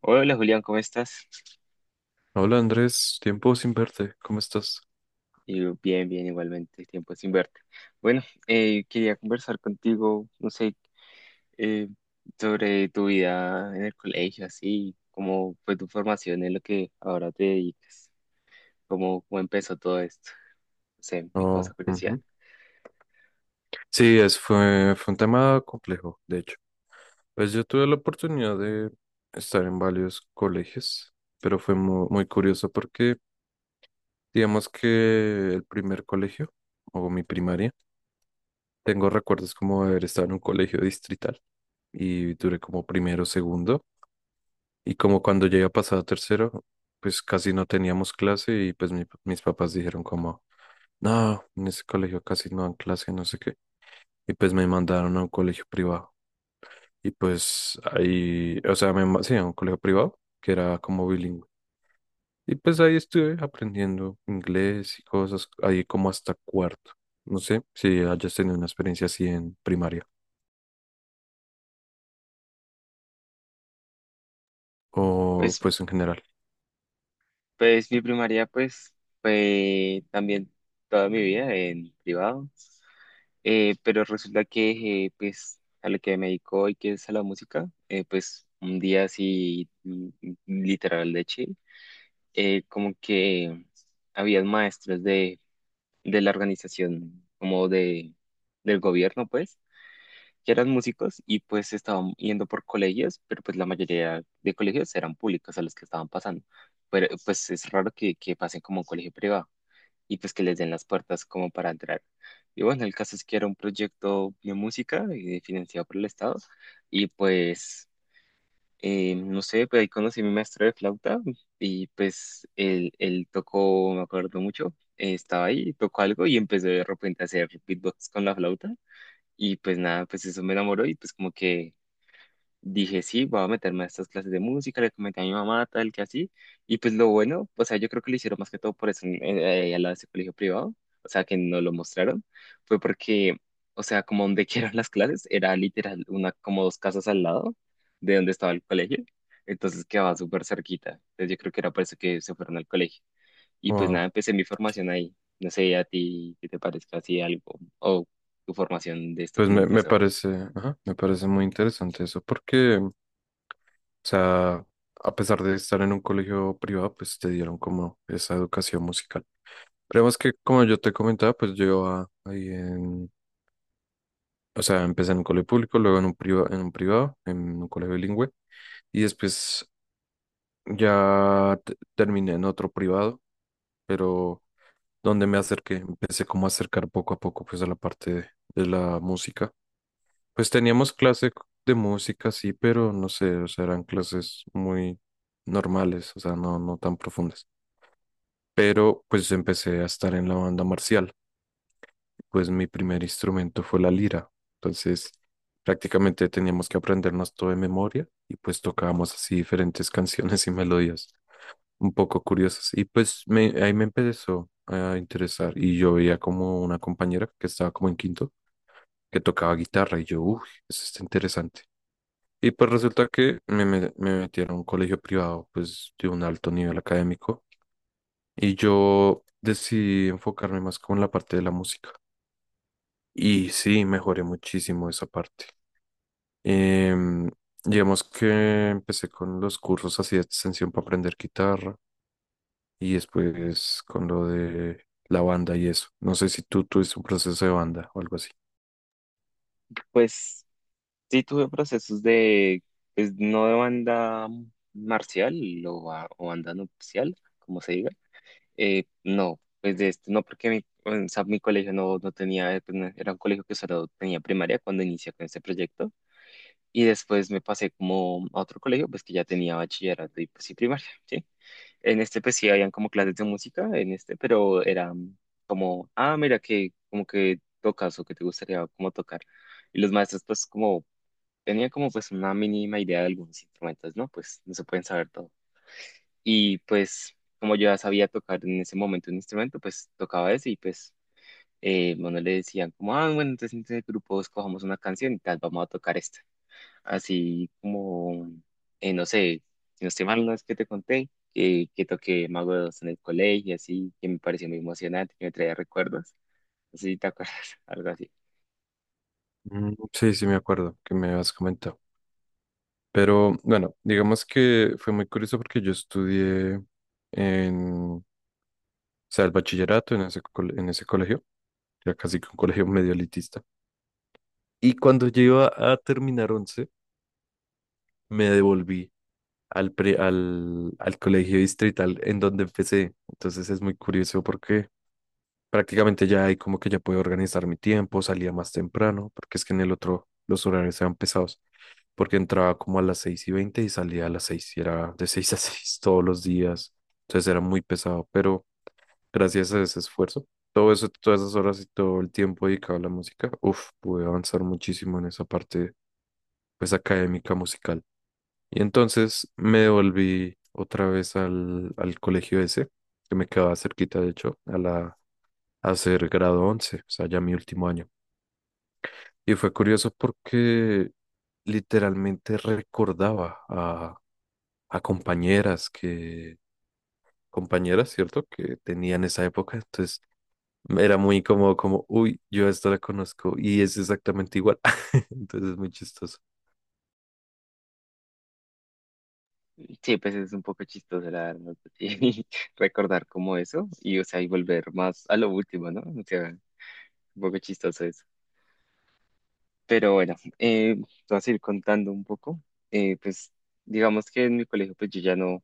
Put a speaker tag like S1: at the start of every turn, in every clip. S1: Hola Julián, ¿cómo estás?
S2: Hola Andrés, tiempo sin verte, ¿cómo estás?
S1: Y yo, bien, bien, igualmente, tiempo sin verte. Bueno, quería conversar contigo, no sé, eh, sobre tu vida en el colegio, así, cómo fue tu formación en lo que ahora te dedicas, cómo empezó todo esto, no sé, me causa
S2: Oh,
S1: curiosidad.
S2: ujú. Sí, fue un tema complejo, de hecho. Pues yo tuve la oportunidad de estar en varios colegios, pero fue muy curioso porque digamos que el primer colegio, o mi primaria, tengo recuerdos como de haber estado en un colegio distrital y duré como primero, segundo, y como cuando llegué a pasar a tercero, pues casi no teníamos clase y pues mis papás dijeron como. No, en ese colegio casi no dan clase, no sé qué. Y pues me mandaron a un colegio privado. Y pues ahí, o sea, sí, a un colegio privado que era como bilingüe. Y pues ahí estuve aprendiendo inglés y cosas, ahí como hasta cuarto. No sé si hayas tenido una experiencia así en primaria o
S1: Pues
S2: pues en general.
S1: Pues mi primaria pues fue también toda mi vida en privado. Pero resulta que pues a lo que me dedico hoy que es a la música, pues un día así literal de chill, como que habían maestros de la organización como de, del gobierno, pues ya eran músicos y pues estaban yendo por colegios, pero pues la mayoría de colegios eran públicos a los que estaban pasando. Pero pues es raro que pasen como un colegio privado y pues que les den las puertas como para entrar. Y bueno, el caso es que era un proyecto de música, financiado por el Estado, y pues no sé, pues ahí conocí a mi maestro de flauta y pues él tocó, me acuerdo mucho, estaba ahí, tocó algo y empezó de repente a hacer beatbox con la flauta, y pues nada, pues eso me enamoró y pues como que dije, sí, voy a meterme a estas clases de música, le comenté a mi mamá, tal que así. Y pues lo bueno, o sea, yo creo que lo hicieron más que todo por eso al lado de ese colegio privado, o sea, que no lo mostraron, fue porque, o sea, como donde que eran las clases, era literal una, como dos casas al lado de donde estaba el colegio. Entonces quedaba súper cerquita. Entonces yo creo que era por eso que se fueron al colegio. Y pues nada,
S2: Wow.
S1: empecé mi formación ahí. No sé a ti qué te parezca así algo o tu formación de esto, cómo
S2: Me
S1: empezó.
S2: parece, ajá, me parece muy interesante eso porque, o sea, a pesar de estar en un colegio privado, pues te dieron como esa educación musical. Pero más que, como yo te comentaba, pues yo iba ahí. O sea, empecé en un colegio público, luego en un priva en un privado, en un colegio bilingüe, y después ya terminé en otro privado, pero donde me acerqué, empecé como a acercar poco a poco pues a la parte de la música. Pues teníamos de música, sí, pero no sé, o sea, eran clases muy normales, o sea, no, no tan profundas. Pero pues empecé a estar en la banda marcial. Pues mi primer instrumento fue la lira. Entonces, prácticamente teníamos que aprendernos todo de memoria y pues tocábamos así diferentes canciones y melodías un poco curiosas. Y pues ahí me empezó a interesar y yo veía como una compañera que estaba como en quinto, que tocaba guitarra y yo, uff, eso está interesante. Y pues resulta que me metieron a un colegio privado pues de un alto nivel académico y yo decidí enfocarme más como en la parte de la música. Y sí, mejoré muchísimo esa parte. Em, digamos que empecé con los cursos así de extensión para aprender guitarra y después con lo de la banda y eso. No sé si tú tuviste un proceso de banda o algo así.
S1: Pues sí tuve procesos de, pues no de banda marcial o, o banda nupcial, como se diga. No, pues de este no porque mi, o sea, mi colegio no, no tenía, pues, era un colegio que solo tenía primaria cuando inicié con este proyecto. Y después me pasé como a otro colegio, pues que ya tenía bachillerato y pues sí primaria, ¿sí? En este pues sí habían como clases de música, en este, pero era como, ah, mira que como que tocas o que te gustaría como tocar. Y los maestros, pues, como tenía como pues una mínima idea de algunos instrumentos, ¿no? Pues no se pueden saber todo. Y pues como yo ya sabía tocar en ese momento un instrumento, pues tocaba ese, y pues bueno, le decían como, ah, bueno, entonces entre el grupo escojamos una canción y tal, vamos a tocar esta. Así como, no sé, si no estoy mal, una vez que te conté que toqué Mago de Oz en el colegio, así, que me pareció muy emocionante, que me traía recuerdos. No sé si te acuerdas, algo así.
S2: Mm, sí, sí, me acuerdo que me habías comentado. Pero bueno, digamos que fue muy curioso porque yo estudié en, o sea, el bachillerato en en ese colegio, ya casi que un colegio medio elitista. Y cuando yo iba a terminar 11 me devolví al colegio distrital en donde empecé. Entonces es muy curioso porque prácticamente ya ahí como que ya puedo organizar mi tiempo, salía más temprano, porque es que en el otro los horarios eran pesados, porque entraba como a las 6:20 y salía a las 6:00 y era de 6 a 6 todos los días. Entonces era muy pesado, pero gracias a ese esfuerzo, todo eso, todas esas horas y todo el tiempo dedicado a la música, uff, pude avanzar muchísimo en esa parte, pues académica musical. Y entonces me volví otra vez al colegio ese, que me quedaba cerquita, de hecho, a la, a hacer grado 11, o sea, ya mi último año. Y fue curioso porque literalmente recordaba a compañeras que, compañeras, ¿cierto? Que tenían esa época. Entonces era muy incómodo, como, uy, yo a esta la conozco y es exactamente igual. Entonces es muy chistoso.
S1: Sí, pues es un poco chistoso, la verdad, sí, recordar como eso y, o sea, y volver más a lo último, ¿no? O sea, un poco chistoso eso. Pero bueno, te vas a ir contando un poco. Pues, digamos que en mi colegio, pues yo ya no,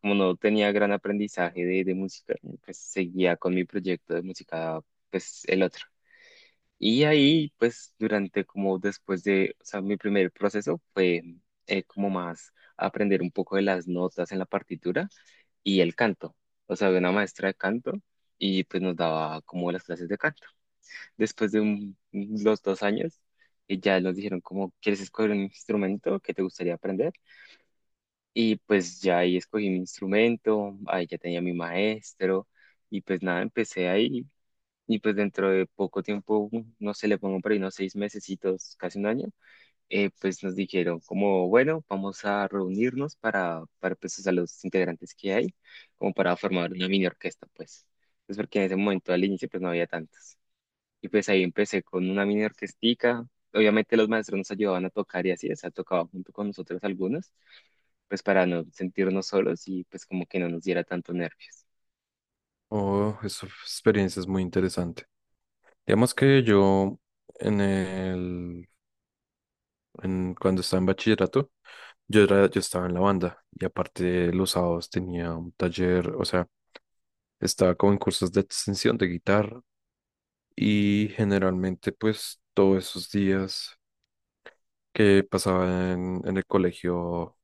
S1: como no tenía gran aprendizaje de música, pues seguía con mi proyecto de música, pues el otro. Y ahí, pues, durante como después de, o sea, mi primer proceso fue como más aprender un poco de las notas en la partitura y el canto. O sea, había una maestra de canto y pues nos daba como las clases de canto. Después de los 2 años, ya nos dijeron como, ¿quieres escoger un instrumento que te gustaría aprender? Y pues ya ahí escogí mi instrumento, ahí ya tenía mi maestro, y pues nada, empecé ahí. Y pues dentro de poco tiempo, no sé, le pongo por ahí unos 6 mesecitos, casi un año, pues nos dijeron como, bueno, vamos a reunirnos para, pues, a los integrantes que hay, como para formar una mini orquesta, pues. Pues porque en ese momento al inicio pues no había tantas. Y pues ahí empecé con una mini orquestica. Obviamente los maestros nos ayudaban a tocar y así, o sea, tocaban junto con nosotros algunos, pues para no sentirnos solos y pues como que no nos diera tanto nervios.
S2: Oh, esa experiencia es muy interesante. Digamos que yo en el, en, cuando estaba en bachillerato, yo estaba en la banda y aparte los sábados tenía un taller, o sea, estaba como en cursos de extensión de guitarra y generalmente pues todos esos días que pasaba en el colegio,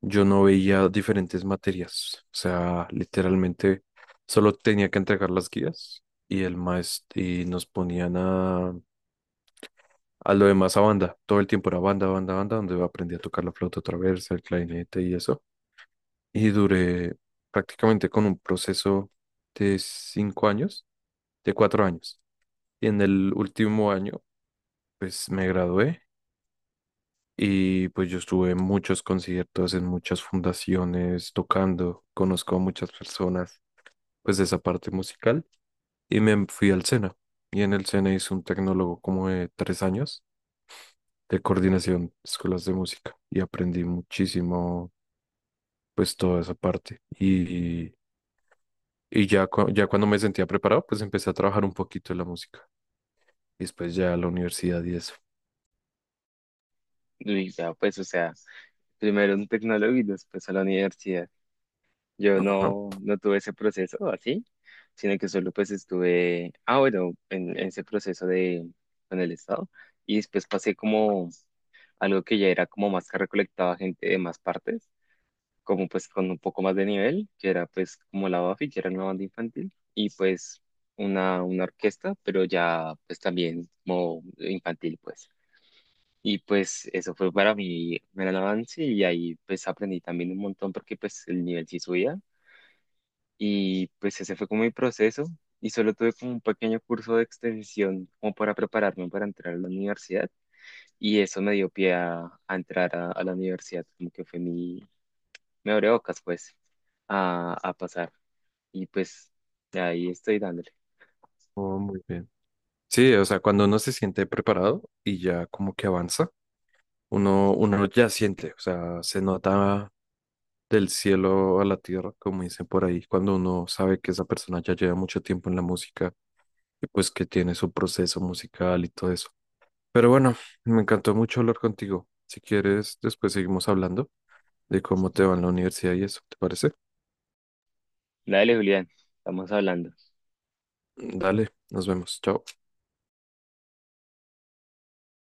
S2: yo no veía diferentes materias. O sea, literalmente solo tenía que entregar las guías y el maestro y nos ponían a lo demás a banda. Todo el tiempo era banda, banda, banda, donde aprendí a tocar la flauta traversa, el clarinete y eso. Y duré prácticamente con un proceso de 5 años, de 4 años. Y en el último año, pues me gradué y pues yo estuve en muchos conciertos, en muchas fundaciones, tocando, conozco a muchas personas, pues de esa parte musical. Y me fui al SENA. Y en el SENA hice un tecnólogo como de 3 años de coordinación de escuelas de música. Y aprendí muchísimo, pues toda esa parte. Y ya, ya cuando me sentía preparado, pues empecé a trabajar un poquito en la música. Y después ya a la universidad y eso.
S1: Y ya pues, o sea, primero un tecnólogo y después a la universidad. Yo
S2: Ajá.
S1: no, no tuve ese proceso así, sino que solo pues estuve, ah, bueno, en ese proceso de, con el Estado, y después pasé como algo que ya era como más que recolectaba gente de más partes, como pues con un poco más de nivel, que era pues como la Bafi, que era una banda infantil, y pues una orquesta, pero ya pues también como infantil pues. Y pues eso fue para mí un gran avance y ahí pues aprendí también un montón porque pues el nivel sí subía y pues ese fue como mi proceso, y solo tuve como un pequeño curso de extensión como para prepararme para entrar a la universidad, y eso me dio pie a, entrar a la universidad, como que fue mi, me abrió bocas pues a, pasar, y pues de ahí estoy dándole.
S2: Oh, muy bien. Sí, o sea, cuando uno se siente preparado y ya como que avanza. Uno ya siente, o sea, se nota del cielo a la tierra, como dicen por ahí, cuando uno sabe que esa persona ya lleva mucho tiempo en la música y pues que tiene su proceso musical y todo eso. Pero bueno, me encantó mucho hablar contigo. Si quieres, después seguimos hablando de cómo te va en la universidad y eso, ¿te parece?
S1: Dale, Julián, estamos hablando.
S2: Dale, nos vemos. Chao.